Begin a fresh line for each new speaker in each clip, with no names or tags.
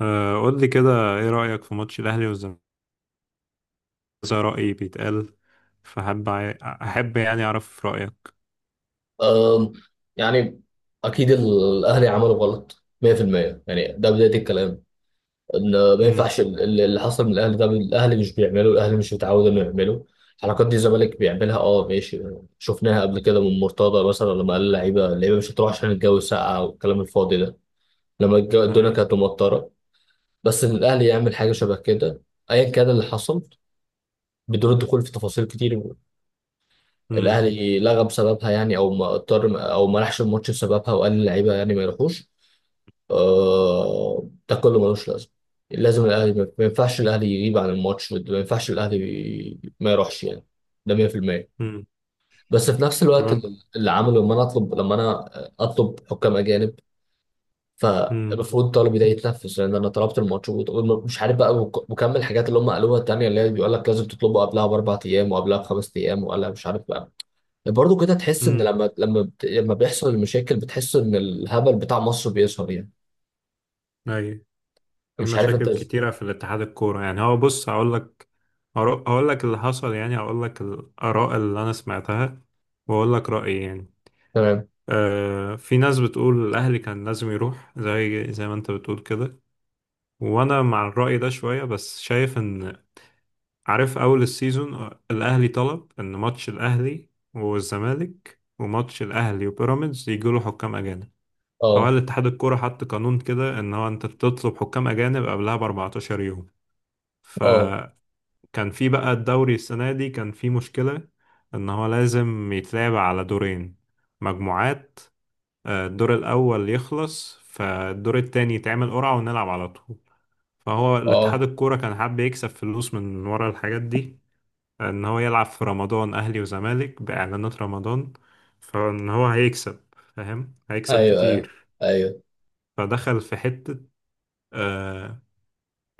آه، قول لي كده، ايه رأيك في ماتش الاهلي والزمالك؟ زي رأيي بيتقال. فحب احب، يعني اعرف رأيك.
أم، يعني اكيد الاهلي عملوا غلط 100%، يعني ده بدايه الكلام، ان ما
امم.
ينفعش اللي حصل من الاهلي. ده الاهلي مش بيعمله، الاهلي مش متعود انه يعمله. الحركات دي الزمالك بيعملها، اه ماشي. شفناها قبل كده من مرتضى مثلا لما قال اللعيبه اللعيبه مش هتروح عشان الجو ساقع والكلام الفاضي ده، لما الدنيا
اي.
كانت مطره. بس ان الاهلي يعمل حاجه شبه كده، ايا كان اللي حصل، بدون الدخول في تفاصيل كتير،
امم.
الاهلي لغى بسببها يعني، او ما اضطر، او ما راحش الماتش بسببها وقال للعيبه يعني ما يروحوش. آه، ده كله ملوش لازمه. لازم الاهلي، ما ينفعش الاهلي يغيب عن الماتش، ما ينفعش الاهلي ما يروحش يعني. ده 100%.
امم.
بس في نفس الوقت
طبعا.
اللي عمله، لما انا اطلب حكام اجانب،
امم.
فالمفروض طلبي ده يتنفذ. لان انا طلبت الماتش ومش عارف بقى، وكمل الحاجات اللي هم قالوها التانيه، اللي هي بيقول لك لازم تطلبه قبلها بـ4 ايام وقبلها بـ5 ايام وقبلها مش عارف. برضه كده تحس ان
امم.
لما بيحصل المشاكل، بتحس ان الهبل بتاع مصر بيظهر يعني.
اي. في
مش عارف انت.
مشاكل كتيرة في الاتحاد الكورة، يعني هو بص، هقول لك. هقول لك اللي حصل يعني، هقول لك الآراء اللي انا سمعتها، واقول لك رأيي يعني.
تمام.
آه، في ناس بتقول الاهلي كان لازم يروح، زي ما انت بتقول كده، وانا مع الرأي ده شوية، بس شايف ان... عارف اول السيزون، آه، الاهلي طلب ان ماتش الاهلي والزمالك وماتش الاهلي وبيراميدز يجوا له حكام اجانب. فهو
اه
الاتحاد الكوره حط قانون كده، ان هو انت بتطلب حكام اجانب قبلها ب 14 يوم.
اه
فكان في بقى الدوري السنه دي كان في مشكله، ان هو لازم يتلعب على دورين مجموعات. آه، الدور الاول يخلص فالدور التاني يتعمل قرعه ونلعب على طول. فهو الاتحاد
اه،
الكوره كان حابب يكسب فلوس من ورا الحاجات دي، ان هو يلعب في رمضان اهلي وزمالك باعلانات رمضان. فان هو هيكسب، فاهم، هيكسب
ايوه ايوه
كتير.
ايوه.
فدخل في حتة. آه،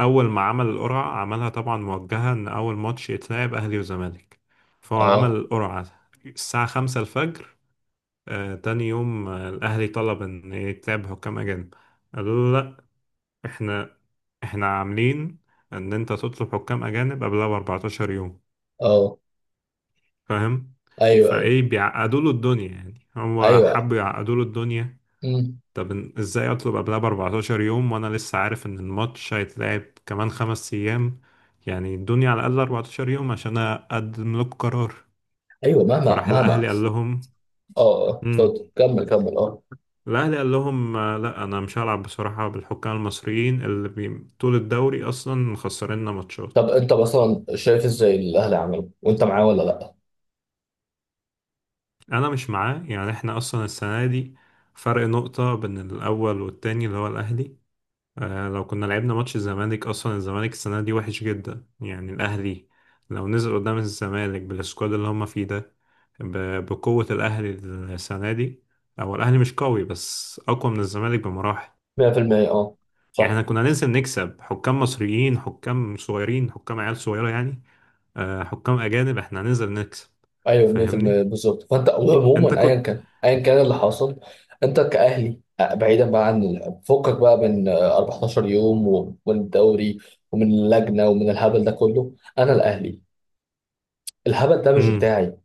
اول ما عمل القرعة عملها طبعا موجهة، ان اول ماتش يتلعب اهلي وزمالك. فهو عمل
اه
القرعة الساعة خمسة الفجر. آه، تاني يوم، آه، الاهلي طلب ان يتلعب حكام اجانب. قالوا له لا، احنا عاملين ان انت تطلب حكام اجانب قبلها ب 14 يوم.
اه.
فاهم.
ايوه ايوه
فايه بيعقدوا له الدنيا يعني، هو
ايوه.
حب يعقدوا له الدنيا.
مم.
طب ازاي اطلب قبلها ب 14 يوم وانا لسه عارف ان الماتش هيتلعب كمان خمس ايام؟ يعني ادوني على الاقل 14 يوم عشان اقدم لكم قرار.
ايوه، مهما
فراح
مهما.
الاهلي قال لهم...
اه اه،
امم.
اتفضل كمل كمل، اه.
الاهلي قال لهم، آه، لا انا مش هلعب بصراحه بالحكام المصريين اللي بي... طول الدوري اصلا مخسريننا
طب
ماتشات.
انت مثلا شايف ازاي الاهلي عملوا، وانت معاه ولا لا؟
انا مش معاه، يعني احنا اصلا السنه دي فرق نقطه بين الاول والتاني اللي هو الاهلي. آه، لو كنا لعبنا ماتش الزمالك، اصلا الزمالك السنه دي وحش جدا، يعني الاهلي لو نزل قدام الزمالك بالسكواد اللي هم فيه ده، بقوه الاهلي السنه دي، او الاهلي مش قوي بس اقوى من الزمالك بمراحل.
100%، اه.
يعني
صح.
احنا كنا ننزل نكسب، حكام مصريين، حكام صغيرين، حكام عيال صغيره يعني. آه، حكام اجانب احنا هننزل نكسب.
ايوه، 100%،
فاهمني.
بالظبط. فانت
انت
عموما، ايا
كنت...
كان ايا كان اللي حاصل، انت كاهلي، آه، بعيدا بقى عن فكك بقى من، آه، 14 يوم والدوري، ومن اللجنه ومن الهبل ده كله. انا الاهلي، الهبل ده مش
امم.
بتاعي.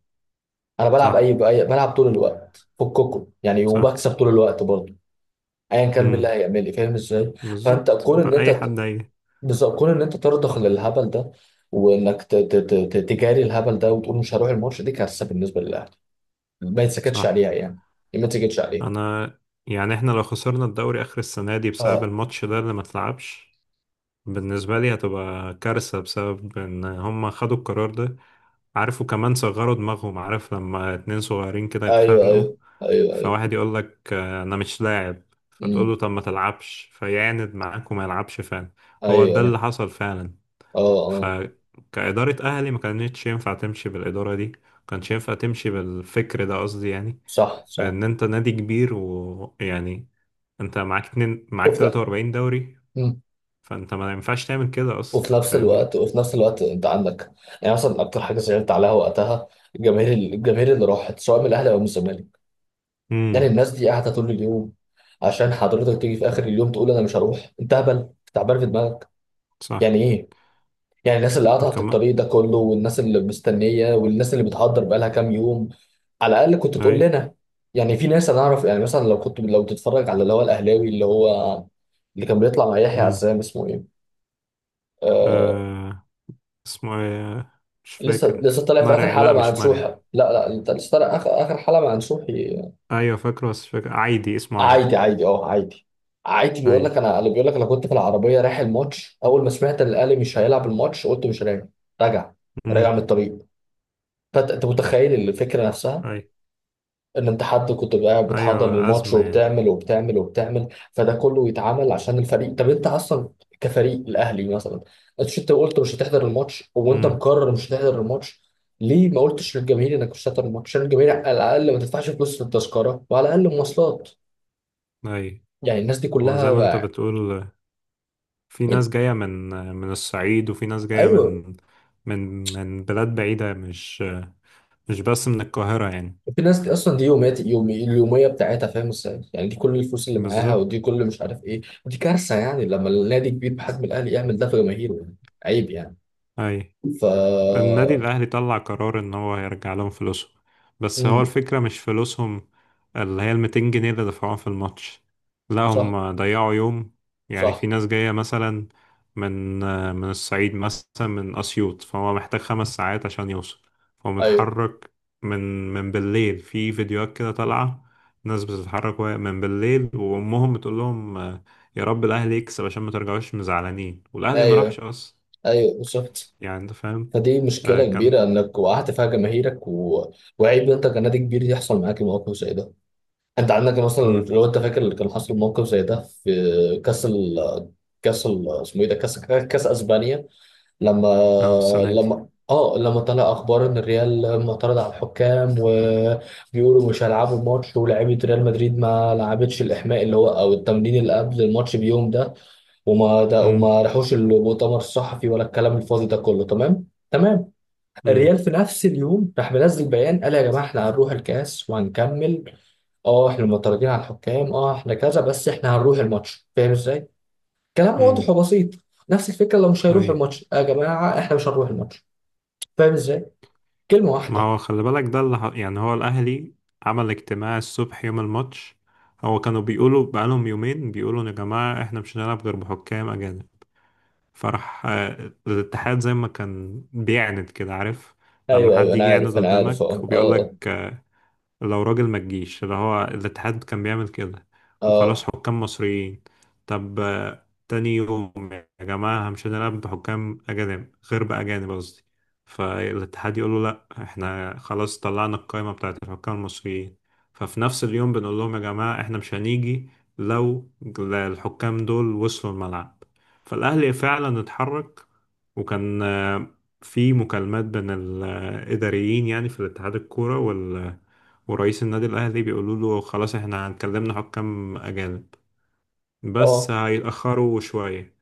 انا بلعب،
صح.
بأي بلعب طول الوقت، فككم يعني،
صح.
وبكسب طول الوقت برضه. ايا كان
امم.
بالله هيعمل لي، فاهم ازاي؟ فانت
بالظبط،
كون ان
بأي حد هيجي.
بالظبط، كون ان انت ترضخ للهبل ده، وانك تجاري الهبل ده وتقول مش هروح الماتش، دي كارثه بالنسبه للاهلي. ما يتسكتش
صح.
عليها يعني. ما تسكتش عليها.
انا، يعني احنا لو خسرنا الدوري اخر السنة دي بسبب
اه.
الماتش ده اللي ما اتلعبش، بالنسبة لي هتبقى كارثة، بسبب ان هم خدوا القرار ده. عارفوا، كمان صغروا دماغهم. عارف لما اتنين صغيرين كده
ايوه
يتخانقوا،
ايوه ايوه ايوه.
فواحد يقول لك آه، انا مش لاعب. فتقول
امم.
له طب ما تلعبش، فيعاند معاك وما يلعبش فعلا. هو
ايوه
ده اللي
ايوه.
حصل فعلا.
اه اه.
فكإدارة اهلي ما كانتش ينفع تمشي بالإدارة دي، ما كانش ينفع تمشي بالفكر ده قصدي يعني.
صح صح.
ان انت نادي كبير ويعني، انت معاك اتنين، معاك
وفي ن-
43 دوري.
مم.
فانت ما ينفعش تعمل كده اصلا،
وفي نفس
فاهمني.
الوقت وفي نفس الوقت انت عندك، يعني مثلا اكتر حاجه زعلت عليها وقتها، الجماهير اللي راحت سواء من الاهلي او من الزمالك. يعني
امم.
الناس دي قاعده طول اليوم عشان حضرتك تيجي في اخر اليوم تقول انا مش هروح؟ انت هبل، تعبان في دماغك.
صح.
يعني ايه؟ يعني الناس اللي قطعت
كمان.
الطريق ده كله، والناس اللي مستنيه، والناس اللي بتهدر بقالها كام يوم، على الاقل كنت تقول
اي.
لنا يعني. في ناس انا اعرف، يعني مثلا لو كنت، لو تتفرج على اللي هو الاهلاوي اللي هو اللي كان بيطلع مع يحيى
امم.
عزام، اسمه ايه؟ آه.
آه. اسمه ايه؟ مش
لسه
فاكر.
لسه طالع في اخر
مرعي.
حلقه
لا
مع
مش
نسوحه.
مرعي.
لا لا، انت لسه طالع اخر اخر حلقه مع نسوحي.
ايوه فاكره بس مش فاكر، عادي اسمه عادي.
عادي عادي، اه، عادي. عادي
اي.
بيقول لك انا، اللي بيقول لك انا كنت في العربيه رايح الماتش، اول ما سمعت ان الاهلي مش هيلعب الماتش، قلت مش راجع. راجع، راجع
امم.
من الطريق. فانت متخيل الفكره نفسها.
اي.
ان انت حد كنت بقى بتحضر
ايوه،
الماتش
ازمه يعني.
وبتعمل وبتعمل وبتعمل، فده كله يتعمل عشان الفريق. طب انت اصلا كفريق الاهلي مثلا، انت قلت مش هتحضر الماتش، وانت
امم.
مقرر مش هتحضر الماتش، ليه ما قلتش للجماهير انك مش هتحضر الماتش عشان الجماهير على الاقل ما تدفعش فلوس في التذكره، وعلى الاقل مواصلات.
اي.
يعني الناس دي
هو زي
كلها
ما انت
بقى.
بتقول، في
يعني
ناس جاية من الصعيد، وفي ناس جاية
ايوه،
من من بلاد بعيدة، مش بس من القاهرة يعني.
في ناس دي اصلا دي يومات، يوم اليوميه بتاعتها فاهم ازاي يعني، دي كل الفلوس اللي معاها،
بالظبط.
ودي كل مش عارف ايه. دي كارثه يعني لما النادي كبير بحجم الاهلي يعمل ده في جماهيره يعني. عيب يعني.
أي.
ف
النادي الأهلي طلع قرار إن هو هيرجع لهم فلوسهم، بس هو
مم.
الفكرة مش فلوسهم، اللي هي الميتين جنيه اللي دفعوهم في الماتش، لا
صح
هم ضيعوا يوم. يعني
صح.
في ناس جاية مثلا، من الصعيد مثلا من أسيوط، فهو محتاج خمس ساعات عشان يوصل. فهو
ايوه
متحرك من بالليل. في فيديوهات كده طالعة، ناس بتتحرك من بالليل، وأمهم بتقول لهم، آه، يا رب الأهلي يكسب عشان ما ترجعوش مزعلانين، والأهلي ما راحش
ايوه
أصلا.
ايوه، بالظبط.
يعني أنت فاهم.
فدي
آه،
مشكله
كان...
كبيره انك وقعت فيها جماهيرك و... وعيب انت كنادي كبير يحصل معاك موقف زي ده. انت عندك مثلا،
امم.
لو انت فاكر اللي كان حصل موقف زي ده في كاس ال... اسمه ايه ده، كاس اسبانيا. لما
اه السنة دي.
لما طلع اخبار ان الريال معترض على الحكام وبيقولوا مش هيلعبوا الماتش، ولاعيبه ريال مدريد ما لعبتش الاحماء اللي هو او التمرين اللي قبل الماتش بيوم ده،
امم.
وما راحوش المؤتمر الصحفي ولا الكلام الفاضي ده كله، تمام تمام.
امم.
الريال في نفس اليوم راح منزل بيان، قال يا جماعه احنا هنروح الكاس وهنكمل، اه احنا معترضين على الحكام، اه احنا كذا، بس احنا هنروح الماتش. فاهم ازاي؟ كلام
امم.
واضح وبسيط. نفس الفكره، لو مش هيروح
اي.
الماتش، آه، يا جماعه احنا مش هنروح الماتش. فاهم ازاي؟ كلمه
ما
واحده.
هو خلي بالك ده اللي يعني هو الأهلي عمل اجتماع الصبح يوم الماتش. هو كانوا بيقولوا بقالهم يومين بيقولوا، يا جماعة احنا مش هنلعب غير بحكام أجانب. فراح، آه، الاتحاد زي ما كان بيعند كده، عارف، لما
ايوه ايوه،
حد يجي
انا
يعند
عارف انا عارف،
قدامك
اه
وبيقول
اه.
لك آه، لو راجل ما تجيش. اللي هو الاتحاد كان بيعمل كده،
اه
وخلاص،
اه.
حكام مصريين. طب آه، تاني يوم يا جماعة، مش هنلعب بحكام أجانب، غير بأجانب قصدي. فالاتحاد يقول له لأ، احنا خلاص طلعنا القائمة بتاعت الحكام المصريين. ففي نفس اليوم بنقول لهم يا جماعة احنا مش هنيجي، لو الحكام دول وصلوا الملعب. فالأهلي فعلا اتحرك، وكان، آه، في مكالمات بين الإداريين يعني في الاتحاد الكورة ورئيس النادي الأهلي، بيقولوا له خلاص احنا هنكلمنا حكام أجانب بس
اه
هيتأخروا شوية.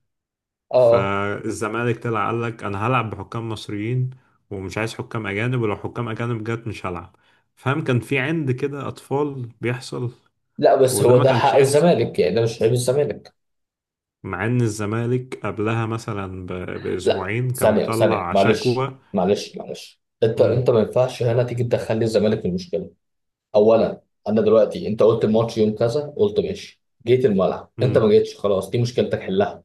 اه.
فالزمالك طلع قال لك أنا هلعب بحكام مصريين ومش عايز حكام أجانب، ولو حكام أجانب جت مش هلعب. فاهم، كان في عند كده، أطفال بيحصل.
لا، بس
وده
هو
ما
ده
كانش
حق
يحصل،
الزمالك يعني، ده مش عيب الزمالك.
مع إن الزمالك قبلها مثلا
لا
بأسبوعين كان
ثانية ثانية،
مطلع
معلش
شكوى.
معلش معلش، انت ما ينفعش هنا تيجي تدخل لي الزمالك في المشكلة. اولا، انا دلوقتي، انت قلت الماتش يوم كذا، قلت ماشي جيت الملعب، انت
مم.
ما جيتش، خلاص دي مشكلتك حلها.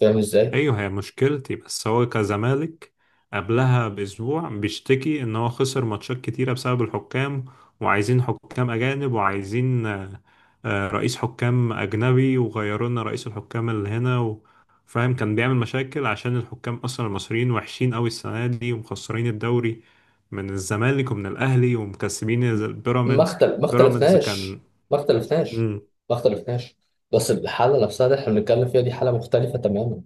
فاهم ازاي؟
ايوه هي مشكلتي، بس هو كزمالك قبلها باسبوع بيشتكي ان هو خسر ماتشات كتيره بسبب الحكام، وعايزين حكام اجانب، وعايزين رئيس حكام اجنبي، وغيروا لنا رئيس الحكام اللي هنا و... فاهم، كان بيعمل مشاكل، عشان الحكام اصلا المصريين وحشين قوي السنه دي ومخسرين الدوري من الزمالك ومن الاهلي، ومكسبين البيراميدز.
ما
بيراميدز
اختلفناش
كان...
ما اختلفناش ما اختلفناش. بس الحالة نفسها اللي احنا بنتكلم فيها، دي حالة مختلفة تماما.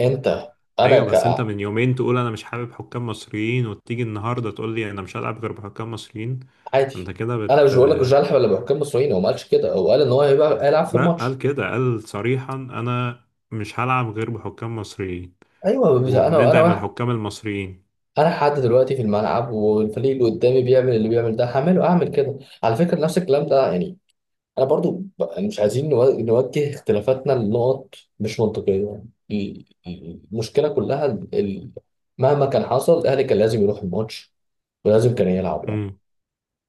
انت، انا
ايوه،
ك
بس انت من يومين تقول انا مش حابب حكام مصريين، وتيجي النهارده تقول لي انا مش هلعب غير بحكام مصريين. انت
عادي.
كده
انا مش
بت...
بقول لك مش هلعب الا بحكام مصريين، هو ما قالش كده. هو قال ان هو هيبقى هيلعب في
لا قال
الماتش.
كده، قال صريحا، انا مش هلعب غير بحكام مصريين
ايوه. انا
وبندعم
واحد.
الحكام المصريين.
انا حد دلوقتي في الملعب والفريق اللي قدامي بيعمل اللي بيعمل ده، هعمله. اعمل كده على فكره نفس الكلام ده يعني. انا برضو يعني مش عايزين نوجه اختلافاتنا لنقط مش منطقيه يعني. المشكله كلها مهما كان حصل الاهلي كان لازم يروح الماتش، ولازم كان يلعب يعني.
امم.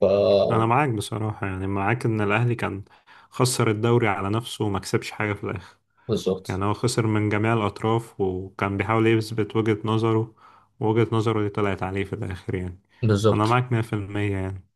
ف
انا معاك بصراحه، يعني معاك ان الاهلي كان خسر الدوري على نفسه، وما كسبش حاجه في الاخر.
بالظبط
يعني هو خسر من جميع الاطراف، وكان بيحاول يثبت وجهه نظره، ووجهه نظره دي طلعت عليه في الاخر يعني.
بالظبط.
انا معاك 100% يعني.